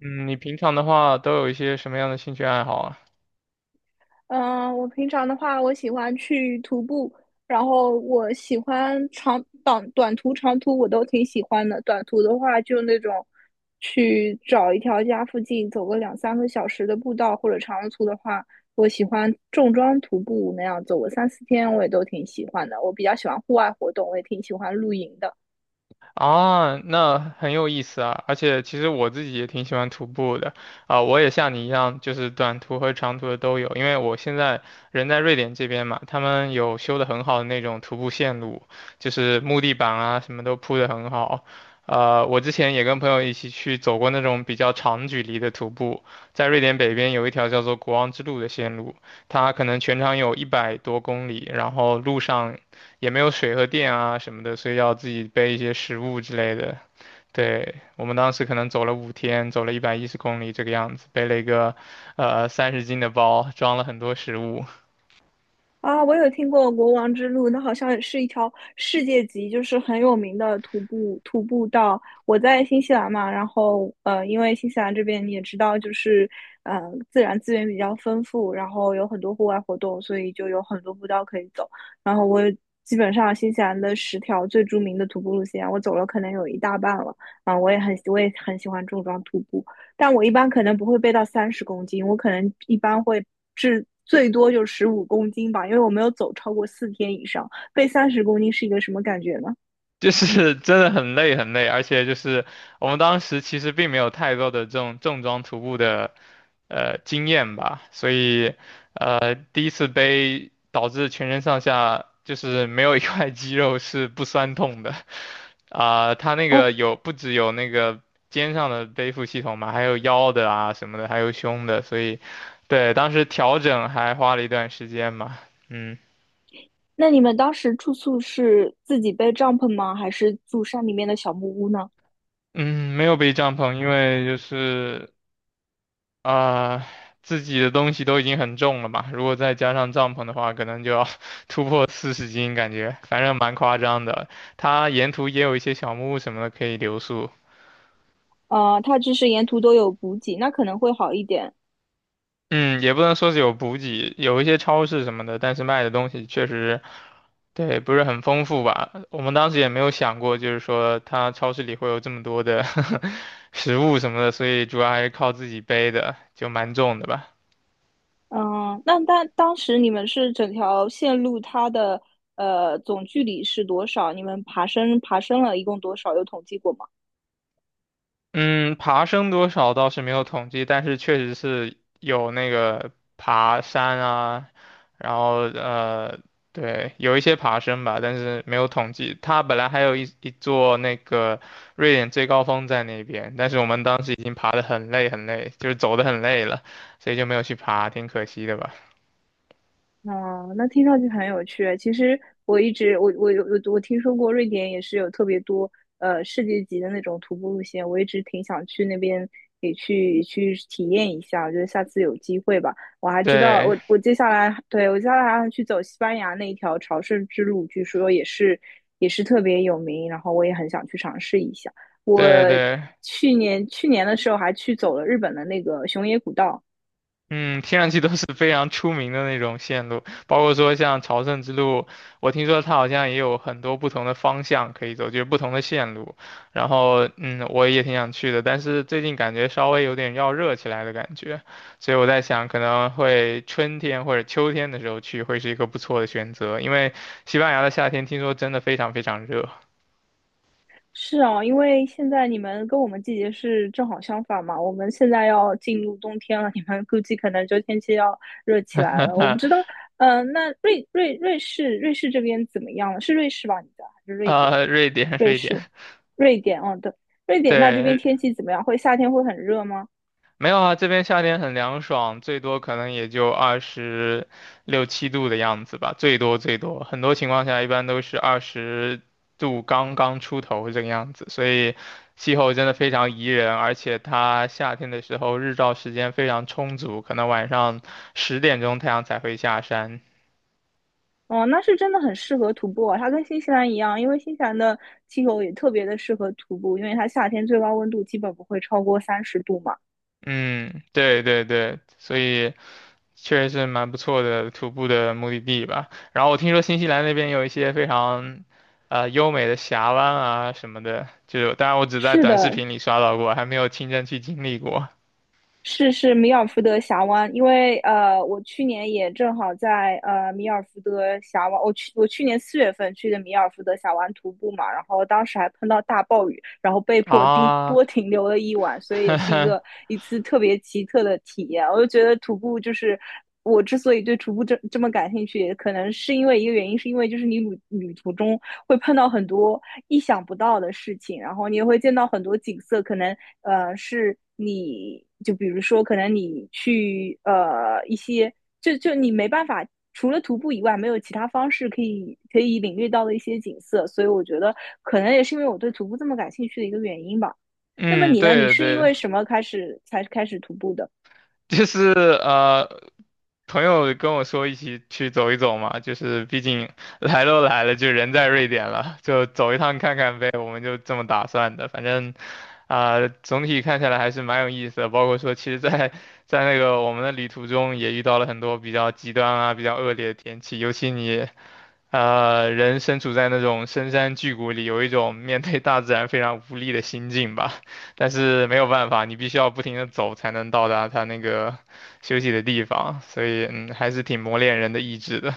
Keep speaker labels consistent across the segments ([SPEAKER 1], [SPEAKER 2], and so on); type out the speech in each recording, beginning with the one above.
[SPEAKER 1] 嗯，你平常的话都有一些什么样的兴趣爱好啊？
[SPEAKER 2] 嗯，我平常的话，我喜欢去徒步，然后我喜欢短途、长途我都挺喜欢的。短途的话，就那种去找一条家附近走个两三个小时的步道，或者长途的话，我喜欢重装徒步那样走个三四天，我也都挺喜欢的。我比较喜欢户外活动，我也挺喜欢露营的。
[SPEAKER 1] 啊，那很有意思啊！而且其实我自己也挺喜欢徒步的啊，我也像你一样，就是短途和长途的都有。因为我现在人在瑞典这边嘛，他们有修的很好的那种徒步线路，就是木地板啊什么都铺的很好。我之前也跟朋友一起去走过那种比较长距离的徒步，在瑞典北边有一条叫做国王之路的线路。它可能全长有100多公里，然后路上也没有水和电啊什么的，所以要自己背一些食物之类的。对，我们当时可能走了5天，走了110公里这个样子，背了一个30斤的包，装了很多食物。
[SPEAKER 2] 啊，我有听过国王之路，那好像是一条世界级，就是很有名的徒步道。我在新西兰嘛，然后因为新西兰这边你也知道，就是呃自然资源比较丰富，然后有很多户外活动，所以就有很多步道可以走。然后我基本上新西兰的10条最著名的徒步路线，我走了可能有一大半了。啊，我也很喜欢重装徒步。但我一般可能不会背到三十公斤，我可能一般会最多就15公斤吧，因为我没有走超过四天以上。背三十公斤是一个什么感觉呢？
[SPEAKER 1] 就是真的很累很累，而且就是我们当时其实并没有太多的这种重装徒步的经验吧，所以第一次背导致全身上下就是没有一块肌肉是不酸痛的，它那个
[SPEAKER 2] 哦，
[SPEAKER 1] 不只有那个肩上的背负系统嘛，还有腰的啊什么的，还有胸的，所以对当时调整还花了一段时间嘛，嗯。
[SPEAKER 2] 那你们当时住宿是自己背帐篷吗？还是住山里面的小木屋呢？
[SPEAKER 1] 嗯，没有背帐篷，因为就是啊、自己的东西都已经很重了嘛，如果再加上帐篷的话，可能就要 突破40斤，感觉反正蛮夸张的。它沿途也有一些小木屋什么的可以留宿，
[SPEAKER 2] 它就是沿途都有补给，那可能会好一点。
[SPEAKER 1] 嗯，也不能说是有补给，有一些超市什么的，但是卖的东西确实，对，不是很丰富吧。我们当时也没有想过，就是说它超市里会有这么多的 食物什么的，所以主要还是靠自己背的，就蛮重的吧。
[SPEAKER 2] 嗯，那当时你们是整条线路它的总距离是多少？你们爬升了一共多少？有统计过吗？
[SPEAKER 1] 嗯，爬升多少倒是没有统计，但是确实是有那个爬山啊，然后对，有一些爬升吧，但是没有统计。它本来还有一座那个瑞典最高峰在那边，但是我们当时已经爬得很累很累，就是走得很累了，所以就没有去爬，挺可惜的吧。
[SPEAKER 2] 哦，那听上去很有趣。其实我一直我我有我我听说过瑞典也是有特别多世界级的那种徒步路线，我一直挺想去那边也去体验一下。我觉得下次有机会吧。我还知道，
[SPEAKER 1] 对，
[SPEAKER 2] 我接下来还要去走西班牙那一条朝圣之路，据说也是特别有名，然后我也很想去尝试一下。我
[SPEAKER 1] 对对，
[SPEAKER 2] 去年的时候还去走了日本的那个熊野古道。
[SPEAKER 1] 嗯，听上去都是非常出名的那种线路，包括说像朝圣之路，我听说它好像也有很多不同的方向可以走，就是不同的线路。然后，嗯，我也挺想去的，但是最近感觉稍微有点要热起来的感觉，所以我在想，可能会春天或者秋天的时候去会是一个不错的选择，因为西班牙的夏天听说真的非常非常热。
[SPEAKER 2] 是啊，因为现在你们跟我们季节是正好相反嘛，我们现在要进入冬天了，你们估计可能就天气要热起来了。我不知道，那瑞士这边怎么样了？是瑞士吧？你的还是 瑞典？
[SPEAKER 1] 瑞典，
[SPEAKER 2] 瑞
[SPEAKER 1] 瑞
[SPEAKER 2] 士，
[SPEAKER 1] 典，
[SPEAKER 2] 瑞典，哦，对，瑞典那这边
[SPEAKER 1] 对，
[SPEAKER 2] 天气怎么样？会夏天会很热吗？
[SPEAKER 1] 没有啊，这边夏天很凉爽，最多可能也就26、27度的样子吧，最多最多，很多情况下一般都是20度刚刚出头这个样子，所以气候真的非常宜人，而且它夏天的时候日照时间非常充足，可能晚上10点钟太阳才会下山。
[SPEAKER 2] 哦，那是真的很适合徒步啊，它跟新西兰一样，因为新西兰的气候也特别的适合徒步，因为它夏天最高温度基本不会超过30度嘛。
[SPEAKER 1] 嗯，对对对，所以。确实是蛮不错的徒步的目的地吧。然后我听说新西兰那边有一些非常，优美的峡湾啊什么的，就是当然我只在
[SPEAKER 2] 是
[SPEAKER 1] 短视
[SPEAKER 2] 的，
[SPEAKER 1] 频里刷到过，还没有亲身去经历过
[SPEAKER 2] 是米尔福德峡湾，因为我去年也正好在米尔福德峡湾，我去年4月份去的米尔福德峡湾徒步嘛，然后当时还碰到大暴雨，然后被迫
[SPEAKER 1] 啊。
[SPEAKER 2] 停留了一晚，所以也是一次特别奇特的体验。我就觉得徒步就是我之所以对徒步这么感兴趣，也可能是因为一个原因，是因为就是你旅途中会碰到很多意想不到的事情，然后你也会见到很多景色，可能是你就比如说，可能你去一些就你没办法。除了徒步以外，没有其他方式可以领略到的一些景色，所以我觉得可能也是因为我对徒步这么感兴趣的一个原因吧。那么
[SPEAKER 1] 嗯，
[SPEAKER 2] 你呢？
[SPEAKER 1] 对
[SPEAKER 2] 你
[SPEAKER 1] 的
[SPEAKER 2] 是
[SPEAKER 1] 对
[SPEAKER 2] 因
[SPEAKER 1] 的，
[SPEAKER 2] 为什么才开始徒步的？
[SPEAKER 1] 就是朋友跟我说一起去走一走嘛，就是毕竟来都来了，就人在瑞典了，就走一趟看看呗，我们就这么打算的。反正总体看下来还是蛮有意思的，包括说，其实在那个我们的旅途中也遇到了很多比较极端啊、比较恶劣的天气，尤其你人身处在那种深山巨谷里，有一种面对大自然非常无力的心境吧。但是没有办法，你必须要不停的走才能到达它那个休息的地方，所以还是挺磨练人的意志的。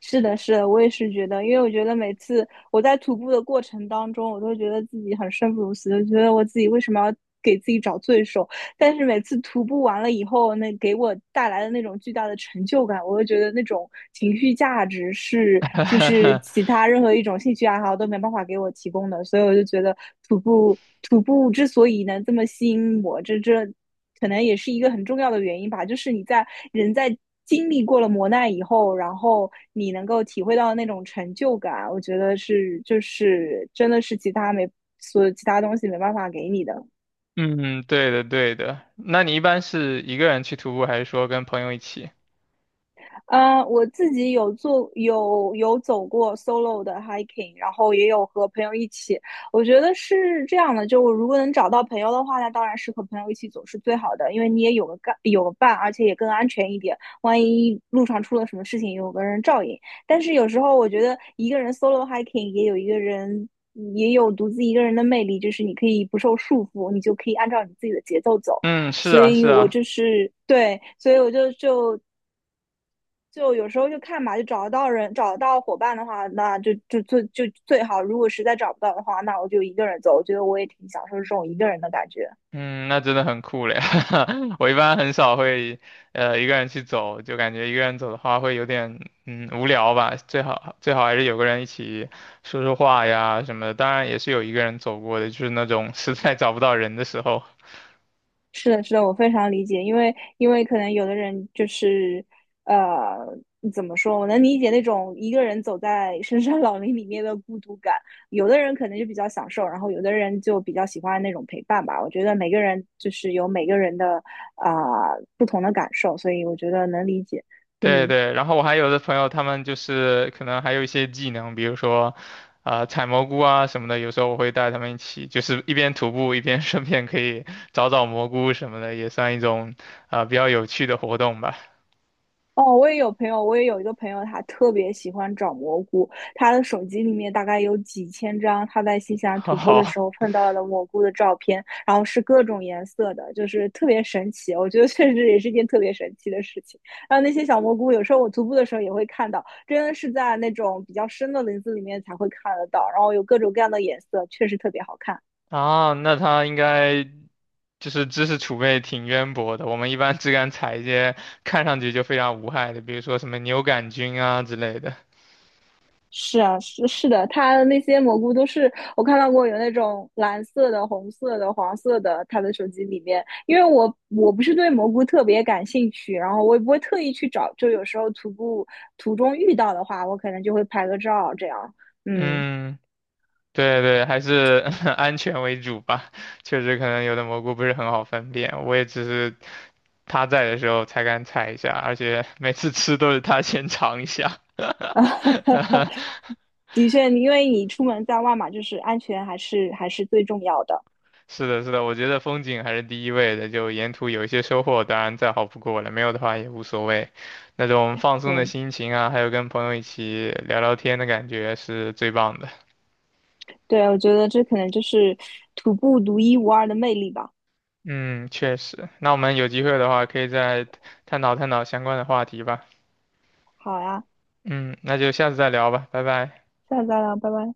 [SPEAKER 2] 是的，是的，我也是觉得，因为我觉得每次我在徒步的过程当中，我都觉得自己很生不如死，就觉得我自己为什么要给自己找罪受？但是每次徒步完了以后，那给我带来的那种巨大的成就感，我就觉得那种情绪价值就是 其他任何一种兴趣爱好都没办法给我提供的，所以我就觉得徒步之所以能这么吸引我，这可能也是一个很重要的原因吧，就是你在人在。经历过了磨难以后，然后你能够体会到那种成就感，我觉得就是真的是其他东西没办法给你的。
[SPEAKER 1] 嗯，对的，对的。那你一般是一个人去徒步，还是说跟朋友一起？
[SPEAKER 2] 我自己有做有有走过 solo 的 hiking，然后也有和朋友一起。我觉得是这样的，就我如果能找到朋友的话，那当然是和朋友一起走是最好的，因为你也有个伴，而且也更安全一点。万一路上出了什么事情，有个人照应。但是有时候我觉得一个人 solo hiking 也有独自一个人的魅力，就是你可以不受束缚，你就可以按照你自己的节奏走。
[SPEAKER 1] 嗯，是啊，是啊。
[SPEAKER 2] 所以我就有时候就看吧，就找得到伙伴的话，那就最好。如果实在找不到的话，那我就一个人走。我觉得我也挺享受这种一个人的感觉。
[SPEAKER 1] 嗯，那真的很酷嘞！我一般很少会，一个人去走，就感觉一个人走的话会有点，无聊吧。最好最好还是有个人一起说说话呀什么的。当然也是有一个人走过的，就是那种 实在找不到人的时候。
[SPEAKER 2] 是的，是的，我非常理解，因为可能有的人就是，呃，怎么说？我能理解那种一个人走在深山老林里面的孤独感。有的人可能就比较享受，然后有的人就比较喜欢那种陪伴吧。我觉得每个人就是有每个人的不同的感受，所以我觉得能理解。
[SPEAKER 1] 对
[SPEAKER 2] 嗯。
[SPEAKER 1] 对，然后我还有的朋友，他们就是可能还有一些技能，比如说，采蘑菇啊什么的。有时候我会带他们一起，就是一边徒步一边 顺便可以找找蘑菇什么的，也算一种比较有趣的活动吧。
[SPEAKER 2] 哦，我也有一个朋友，他特别喜欢找蘑菇，他的手机里面大概有几千张他在新西兰 徒步的时
[SPEAKER 1] 好
[SPEAKER 2] 候碰到的蘑菇的照片，然后是各种颜色的，就是特别神奇。我觉得确实也是一件特别神奇的事情。然后那些小蘑菇，有时候我徒步的时候也会看到，真的是在那种比较深的林子里面才会看得到，然后有各种各样的颜色，确实特别好看。
[SPEAKER 1] 啊，那他应该就是知识储备挺渊博的。我们一般只敢采一些看上去就非常无害的，比如说什么牛杆菌啊之类的。
[SPEAKER 2] 是啊，是的，它那些蘑菇都是我看到过有那种蓝色的、红色的、黄色的，它的手机里面。因为我不是对蘑菇特别感兴趣，然后我也不会特意去找，就有时候徒步途中遇到的话，我可能就会拍个照这样。嗯，
[SPEAKER 1] 嗯，对对，还是 安全为主吧。确实，可能有的蘑菇不是很好分辨，我也只是他在的时候才敢采一下，而且每次吃都是他先尝一下。
[SPEAKER 2] 啊，的确，因为你出门在外嘛，就是安全还是最重要的。
[SPEAKER 1] 是的，是的，我觉得风景还是第一位的，就沿途有一些收获，当然再好不过了，没有的话也无所谓。那种放松的
[SPEAKER 2] 对
[SPEAKER 1] 心情啊，还有跟朋友一起聊聊天的感觉是最棒的。
[SPEAKER 2] 对，我觉得这可能就是徒步独一无二的魅力吧。
[SPEAKER 1] 嗯，确实。那我们有机会的话，可以再探讨探讨相关的话题吧。
[SPEAKER 2] 好呀，
[SPEAKER 1] 嗯，那就下次再聊吧，拜拜。
[SPEAKER 2] 下次再聊，拜拜。